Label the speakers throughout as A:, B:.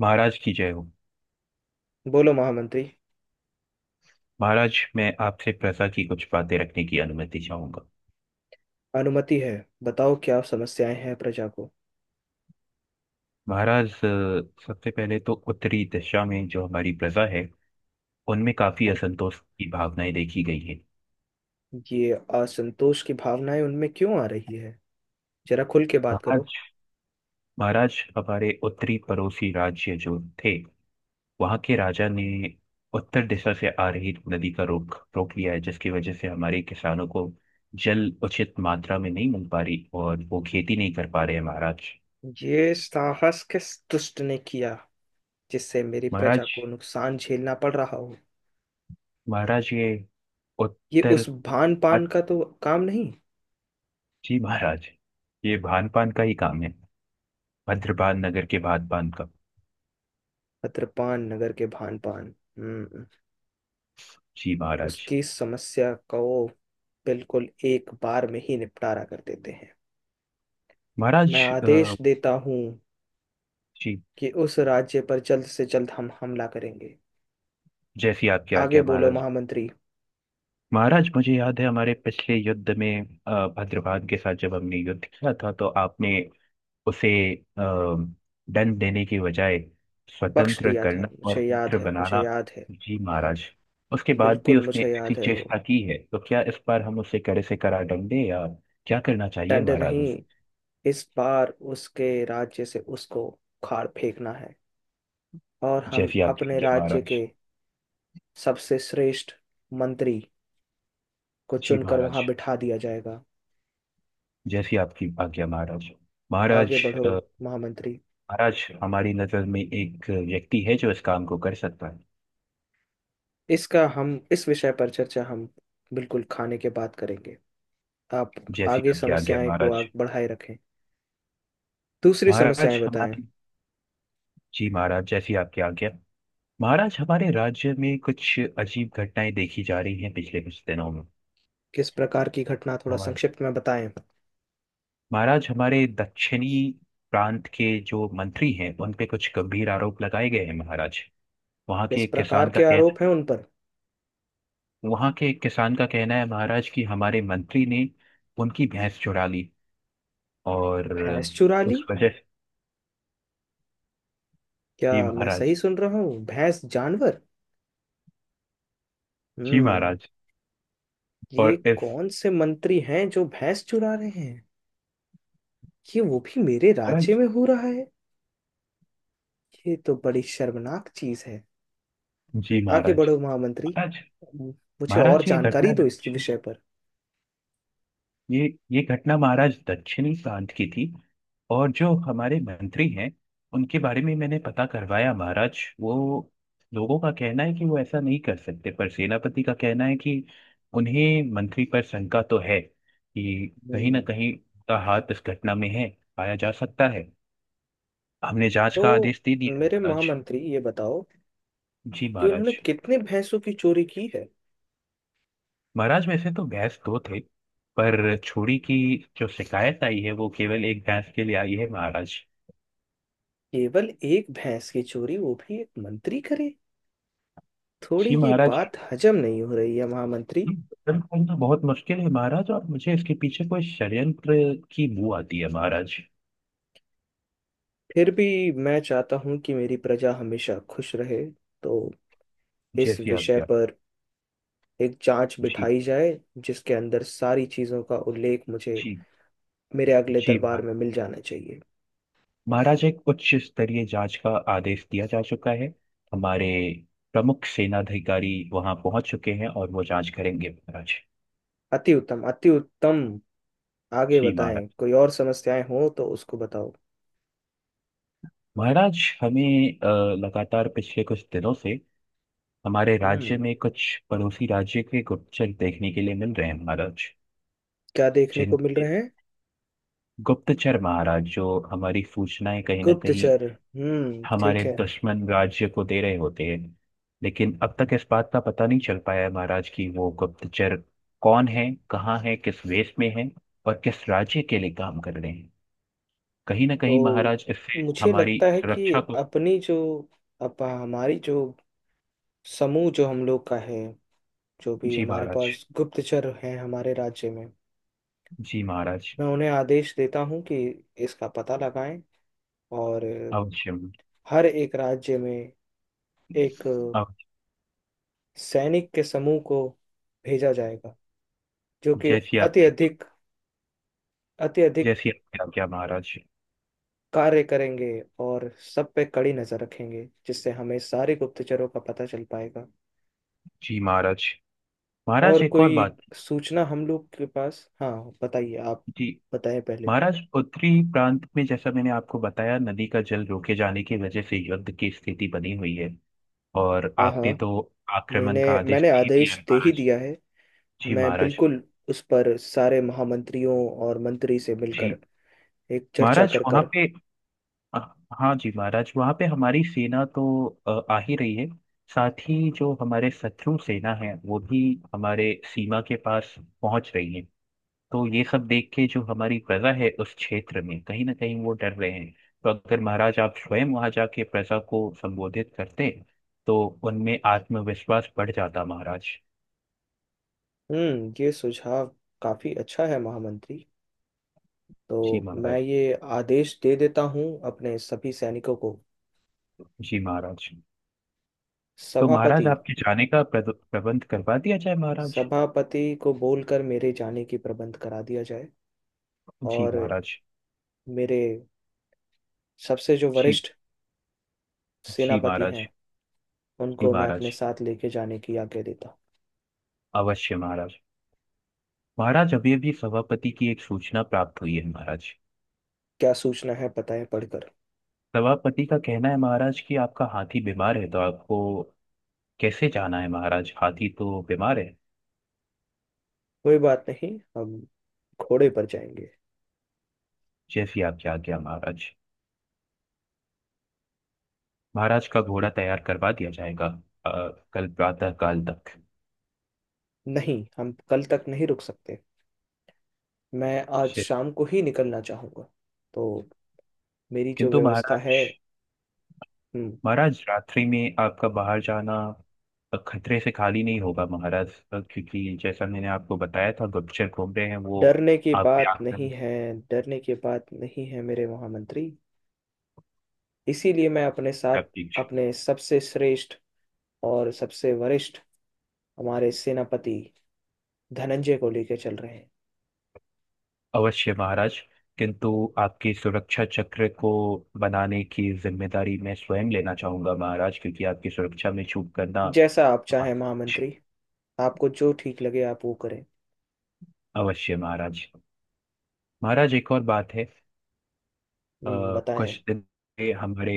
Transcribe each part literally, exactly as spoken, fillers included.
A: महाराज की जय हो।
B: बोलो महामंत्री।
A: महाराज, मैं आपसे प्रजा की कुछ बातें रखने की अनुमति चाहूंगा।
B: अनुमति है। बताओ क्या समस्याएं हैं प्रजा को।
A: महाराज, अ, सबसे पहले तो उत्तरी दिशा में जो हमारी प्रजा है उनमें काफी
B: हाँ।
A: असंतोष की भावनाएं देखी गई है।
B: ये असंतोष की भावनाएं उनमें क्यों आ रही है? जरा खुल के बात करो।
A: महाराज, महाराज हमारे उत्तरी पड़ोसी राज्य जो थे, वहां के राजा ने उत्तर दिशा से आ रही नदी का रोक रोक लिया है, जिसकी वजह से हमारे किसानों को जल उचित मात्रा में नहीं मिल पा रही और वो खेती नहीं कर पा रहे हैं महाराज।
B: ये साहस किस दुष्ट ने किया जिससे मेरी प्रजा
A: महाराज,
B: को नुकसान झेलना पड़ रहा हो?
A: महाराज ये
B: ये
A: उत्तर।
B: उस भान पान
A: अच्छा।
B: का तो काम नहीं।
A: जी महाराज, ये भान पान का ही काम है, भद्रपाल नगर के भान पान का।
B: अत्रपान नगर के भान पान। हम्म।
A: जी महाराज।
B: उसकी समस्या को बिल्कुल एक बार में ही निपटारा कर देते हैं। मैं
A: महाराज,
B: आदेश
A: अ,
B: देता हूँ
A: जी।
B: कि उस राज्य पर जल्द से जल्द हम हमला करेंगे।
A: जैसी आपकी
B: आगे
A: आज्ञा
B: बोलो
A: महाराज।
B: महामंत्री।
A: महाराज, मुझे याद है हमारे पिछले युद्ध में अ, भद्रपाल के साथ जब हमने युद्ध किया था तो आपने उसे अ, दंड देने की बजाय
B: बख्श
A: स्वतंत्र
B: दिया था,
A: करना
B: मुझे
A: और
B: याद
A: मित्र
B: है, मुझे
A: बनाना।
B: याद है।
A: जी महाराज, उसके बाद भी
B: बिल्कुल
A: उसने
B: मुझे
A: ऐसी
B: याद है वो।
A: चेष्टा की है तो क्या इस बार हम उसे कड़े से कड़ा दंड दें या क्या करना चाहिए
B: दंड नहीं,
A: महाराज?
B: इस बार उसके राज्य से उसको उखाड़ फेंकना है। और हम
A: जैसी आपकी
B: अपने
A: आज्ञा
B: राज्य
A: महाराज।
B: के सबसे श्रेष्ठ मंत्री को
A: जी
B: चुनकर
A: महाराज,
B: वहां बिठा दिया जाएगा।
A: जैसी आपकी आज्ञा महाराज।
B: आगे
A: महाराज,
B: बढ़ो
A: अ,
B: महामंत्री।
A: महाराज, हमारी नजर में एक व्यक्ति है जो इस काम को कर सकता है।
B: इसका हम इस विषय पर चर्चा हम बिल्कुल खाने के बाद करेंगे। आप
A: जैसी
B: आगे
A: आपकी आज्ञा
B: समस्याएं को
A: महाराज।
B: आग बढ़ाए रखें। दूसरी समस्याएं
A: महाराज,
B: बताएं।
A: हमारे... जी महाराज, जैसी आपकी आज्ञा। महाराज, हमारे राज्य में कुछ अजीब घटनाएं देखी जा रही हैं पिछले कुछ दिनों में।
B: किस प्रकार की घटना? थोड़ा
A: हमारे...
B: संक्षिप्त में बताएं।
A: महाराज, हमारे दक्षिणी प्रांत के जो मंत्री हैं उन पे कुछ गंभीर आरोप लगाए गए हैं महाराज। वहाँ के
B: किस
A: एक
B: प्रकार
A: किसान का
B: के
A: कहना...
B: आरोप हैं उन पर?
A: वहां के एक किसान का कहना है महाराज कि हमारे मंत्री ने उनकी भैंस चुरा ली, और
B: भैंस चुरा ली?
A: उस वजह से...
B: क्या
A: जी
B: मैं सही
A: महाराज।
B: सुन रहा हूँ? भैंस? जानवर?
A: जी
B: हम्म।
A: महाराज।
B: ये
A: और इस...
B: कौन से मंत्री हैं जो भैंस चुरा रहे हैं? ये वो भी मेरे राज्य
A: महाराज।
B: में हो रहा है? ये तो बड़ी शर्मनाक चीज है।
A: जी
B: आगे
A: महाराज।
B: बढ़ो महामंत्री।
A: महाराज,
B: मुझे और
A: महाराज ये घटना
B: जानकारी दो इसके
A: दक्षिण-
B: विषय पर।
A: ये ये घटना महाराज दक्षिणी प्रांत की थी, और जो हमारे मंत्री हैं उनके बारे में मैंने पता करवाया महाराज। वो... लोगों का कहना है कि वो ऐसा नहीं कर सकते, पर सेनापति का कहना है कि उन्हें मंत्री पर शंका तो है कि कहीं ना
B: हम्म।
A: कहीं उनका हाथ इस घटना में है, पाया जा सकता है। हमने जांच का
B: तो
A: आदेश दे दिया है
B: मेरे
A: महाराज।
B: महामंत्री ये बताओ
A: जी
B: कि उन्होंने
A: महाराज।
B: कितने भैंसों की चोरी की है।
A: महाराज, वैसे तो भैंस दो थे पर छोड़ी की जो शिकायत आई है वो केवल एक भैंस के लिए आई है महाराज।
B: केवल एक भैंस की चोरी, वो भी एक मंत्री करे? थोड़ी
A: जी
B: ये
A: महाराज।
B: बात हजम नहीं हो रही है महामंत्री।
A: उत्तराखंड तो बहुत मुश्किल है महाराज, और मुझे इसके पीछे कोई षड्यंत्र की बू आती है महाराज।
B: फिर भी मैं चाहता हूं कि मेरी प्रजा हमेशा खुश रहे। तो इस
A: जैसी
B: विषय
A: आज्ञा।
B: पर एक जांच
A: जी।
B: बिठाई जाए जिसके अंदर सारी चीजों का उल्लेख मुझे
A: जी।
B: मेरे अगले
A: जी
B: दरबार
A: महाराज।
B: में मिल जाना चाहिए।
A: महाराज, एक उच्च स्तरीय जांच का आदेश दिया जा चुका है। हमारे प्रमुख सेनाधिकारी वहां पहुंच चुके हैं और वो जांच करेंगे महाराज।
B: अति उत्तम, अति उत्तम। आगे
A: जी
B: बताएं
A: महाराज।
B: कोई और समस्याएं हो तो उसको बताओ।
A: महाराज, हमें अ, लगातार पिछले कुछ दिनों से हमारे राज्य
B: हम्म।
A: में कुछ पड़ोसी राज्य के गुप्तचर देखने के लिए मिल रहे हैं महाराज।
B: क्या देखने को
A: जिन...
B: मिल रहे हैं?
A: गुप्तचर महाराज जो हमारी सूचनाएं कहीं ना कहीं
B: गुप्तचर। हम्म,
A: हमारे
B: ठीक है।
A: दुश्मन राज्य को दे रहे होते हैं। लेकिन अब तक इस बात का पता नहीं चल पाया है महाराज कि वो गुप्तचर कौन है, कहाँ है, किस वेश में है और किस राज्य के लिए काम कर रहे हैं। कहीं ना कहीं
B: तो
A: महाराज इससे
B: मुझे
A: हमारी
B: लगता है कि
A: सुरक्षा को...
B: अपनी जो, अप हमारी जो समूह जो हम लोग का है, जो भी
A: जी
B: हमारे
A: महाराज।
B: पास गुप्तचर हैं हमारे राज्य में,
A: जी महाराज।
B: मैं उन्हें आदेश देता हूँ कि इसका पता लगाएं। और
A: अवश्य।
B: हर एक राज्य में एक
A: अवश्य।
B: सैनिक के समूह को भेजा जाएगा जो कि
A: जैसी
B: अति
A: आपकी
B: अधिक, अति अधिक
A: जैसी आपकी आज्ञा महाराज।
B: कार्य करेंगे और सब पे कड़ी नजर रखेंगे जिससे हमें सारे गुप्तचरों का पता चल पाएगा।
A: जी महाराज।
B: और
A: महाराज, एक और
B: कोई
A: बात।
B: सूचना हम लोग के पास? हाँ, बताइए आप।
A: जी।
B: बताएं पहले।
A: महाराष्ट्र उत्तरी प्रांत में जैसा मैंने आपको बताया, नदी का जल रोके जाने की वजह से युद्ध की स्थिति बनी हुई है, और
B: हाँ, हाँ।
A: आपने तो
B: मैंने
A: आक्रमण का आदेश
B: मैंने
A: दे दिया है
B: आदेश दे ही
A: महाराज।
B: दिया है।
A: जी
B: मैं
A: महाराज।
B: बिल्कुल उस पर सारे महामंत्रियों और मंत्री से
A: जी
B: मिलकर एक चर्चा
A: महाराज,
B: कर
A: वहाँ
B: कर
A: पे... हाँ जी महाराज, वहाँ पे हमारी सेना तो अ, आ ही रही है। साथ ही जो हमारे शत्रु सेना है वो भी हमारे सीमा के पास पहुंच रही है। तो ये सब देख के जो हमारी प्रजा है उस क्षेत्र में कहीं ना कहीं वो डर रहे हैं। तो अगर महाराज आप स्वयं वहां जाके प्रजा को संबोधित करते तो उनमें आत्मविश्वास बढ़ जाता महाराज।
B: हम्म, ये सुझाव काफी अच्छा है महामंत्री।
A: जी
B: तो मैं
A: महाराज।
B: ये आदेश दे देता हूँ अपने सभी सैनिकों को।
A: जी महाराज। तो महाराज,
B: सभापति,
A: आपके जाने का प्रद- प्रबंध करवा दिया जाए महाराज।
B: सभापति को बोलकर मेरे जाने की प्रबंध करा दिया जाए।
A: जी
B: और
A: महाराज।
B: मेरे सबसे जो
A: जी।
B: वरिष्ठ
A: जी
B: सेनापति
A: महाराज।
B: हैं
A: जी
B: उनको मैं अपने
A: महाराज।
B: साथ लेके जाने की आज्ञा देता।
A: अवश्य महाराज। महाराज, अभी अभी सभापति की एक सूचना प्राप्त हुई है महाराज।
B: क्या सूचना है? पता है पढ़कर।
A: सभापति का कहना है महाराज कि आपका हाथी बीमार है, तो आपको कैसे जाना है महाराज? हाथी तो बीमार है।
B: कोई बात नहीं, हम घोड़े पर जाएंगे।
A: जैसी आपकी आज्ञा महाराज। महाराज का घोड़ा तैयार करवा दिया जाएगा अ, कल प्रातः काल तक।
B: नहीं, हम कल तक नहीं रुक सकते। मैं आज
A: शे-
B: शाम को ही निकलना चाहूंगा। तो मेरी जो
A: किंतु
B: व्यवस्था है।
A: महाराज,
B: हम्म,
A: महाराज रात्रि में आपका बाहर जाना अ, खतरे से खाली नहीं होगा महाराज, अ, क्योंकि जैसा मैंने आपको बताया था गुप्तचर घूम रहे हैं, वो
B: डरने की
A: आप पे
B: बात नहीं
A: आक्रमण...
B: है। डरने की बात नहीं है मेरे महामंत्री। इसीलिए मैं अपने साथ अपने सबसे श्रेष्ठ और सबसे वरिष्ठ हमारे सेनापति धनंजय को लेकर चल रहे हैं।
A: अवश्य महाराज। किंतु आपकी सुरक्षा चक्र को बनाने की जिम्मेदारी मैं स्वयं लेना चाहूंगा महाराज, क्योंकि आपकी सुरक्षा में चूक करना...
B: जैसा आप चाहें महामंत्री, आपको जो ठीक लगे आप वो करें।
A: अवश्य महाराज। महाराज, एक और बात है। अ,
B: हम्म, बताएं।
A: कुछ दिन से हमारे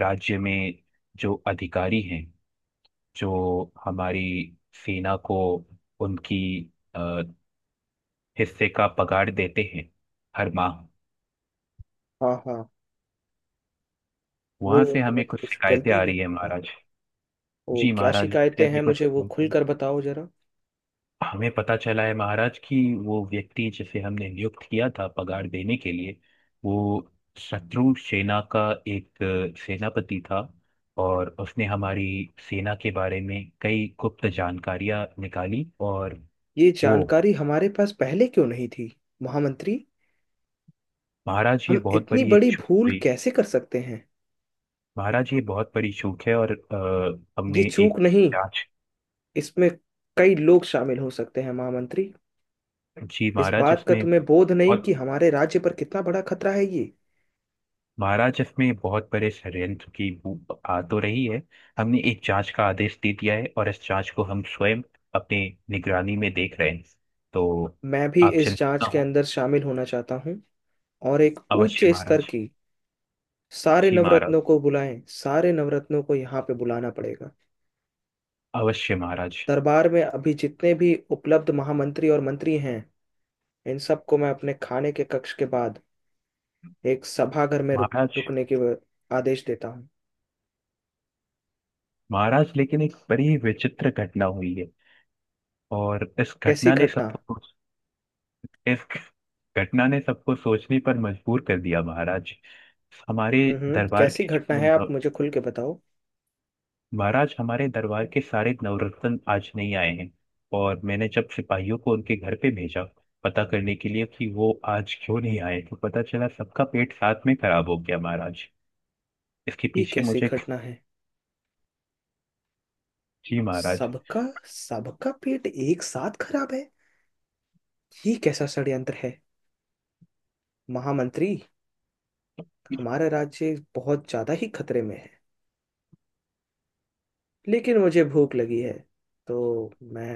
A: राज्य में जो अधिकारी हैं, जो हमारी सेना को उनकी अ, हिस्से का पगार देते हैं हर माह,
B: हाँ, हाँ। वो
A: वहां से
B: उन्होंने
A: हमें कुछ
B: कुछ
A: शिकायतें
B: गलती
A: आ
B: की
A: रही
B: है
A: है
B: क्या?
A: महाराज।
B: वो
A: जी
B: क्या
A: महाराज, मुझे
B: शिकायतें
A: हमें
B: हैं
A: कुछ
B: मुझे वो खुलकर बताओ जरा।
A: हमें पता चला है महाराज कि वो व्यक्ति जिसे हमने नियुक्त किया था पगार देने के लिए, वो शत्रु सेना का एक अ, सेनापति था, और उसने हमारी सेना के बारे में कई गुप्त जानकारियां निकाली और...
B: ये
A: वो...
B: जानकारी हमारे पास पहले क्यों नहीं थी महामंत्री?
A: महाराज ये
B: हम
A: बहुत
B: इतनी
A: बड़ी एक
B: बड़ी
A: चूक
B: भूल
A: हुई।
B: कैसे कर सकते हैं?
A: महाराज ये बहुत बड़ी चूक है, और अ,
B: ये
A: हमने
B: चूक
A: एक
B: नहीं,
A: जांच...
B: इसमें कई लोग शामिल हो सकते हैं महामंत्री।
A: जी
B: इस
A: महाराज,
B: बात का
A: इसमें...
B: तुम्हें बोध नहीं कि
A: बहुत...
B: हमारे राज्य पर कितना बड़ा खतरा है ये?
A: महाराज में बहुत बड़े षड्यंत्र की बू आ तो रही है। हमने एक जांच का आदेश दे दिया है और इस जांच को हम स्वयं अपने निगरानी में देख रहे हैं। तो
B: मैं भी
A: आप
B: इस
A: चिंतित
B: जांच
A: ना
B: के
A: हो।
B: अंदर शामिल होना चाहता हूँ। और एक उच्च
A: अवश्य
B: स्तर
A: महाराज।
B: की, सारे
A: जी महाराज।
B: नवरत्नों को बुलाएं, सारे नवरत्नों को यहाँ पे बुलाना पड़ेगा।
A: अवश्य महाराज।
B: दरबार में अभी जितने भी उपलब्ध महामंत्री और मंत्री हैं, इन सबको मैं अपने खाने के कक्ष के बाद एक सभागार में रुक
A: महाराज,
B: रुकने के आदेश देता हूँ।
A: महाराज लेकिन एक बड़ी विचित्र घटना हुई है, और इस
B: कैसी
A: घटना ने
B: घटना?
A: सबको... इस घटना ने सबको सोचने पर मजबूर कर दिया महाराज। हमारे
B: हम्म,
A: दरबार
B: कैसी
A: के
B: घटना है आप
A: जो...
B: मुझे खुल के बताओ।
A: महाराज, हमारे दरबार के सारे नवरत्न आज नहीं आए हैं। और मैंने जब सिपाहियों को उनके घर पे भेजा पता करने के लिए कि वो आज क्यों नहीं आए, तो पता चला सबका पेट साथ में खराब हो गया महाराज। इसके
B: ये
A: पीछे
B: कैसी
A: मुझे...
B: घटना है?
A: जी महाराज।
B: सबका, सबका पेट एक साथ खराब है? ये कैसा षड्यंत्र है महामंत्री? हमारा राज्य बहुत ज्यादा ही खतरे में है। लेकिन मुझे भूख लगी है, तो मैं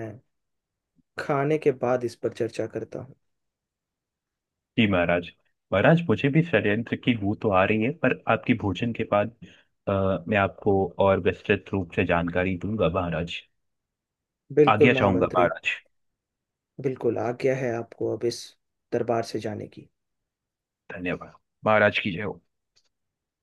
B: खाने के बाद इस पर चर्चा करता हूँ।
A: जी महाराज। महाराज, मुझे भी षड्यंत्र की बू तो आ रही है, पर आपके भोजन के बाद अ, मैं आपको और विस्तृत रूप से जानकारी दूंगा महाराज।
B: बिल्कुल
A: आज्ञा चाहूंगा
B: महामंत्री।
A: महाराज।
B: बिल्कुल आज्ञा है आपको अब इस दरबार से जाने की।
A: धन्यवाद। महाराज की जय हो।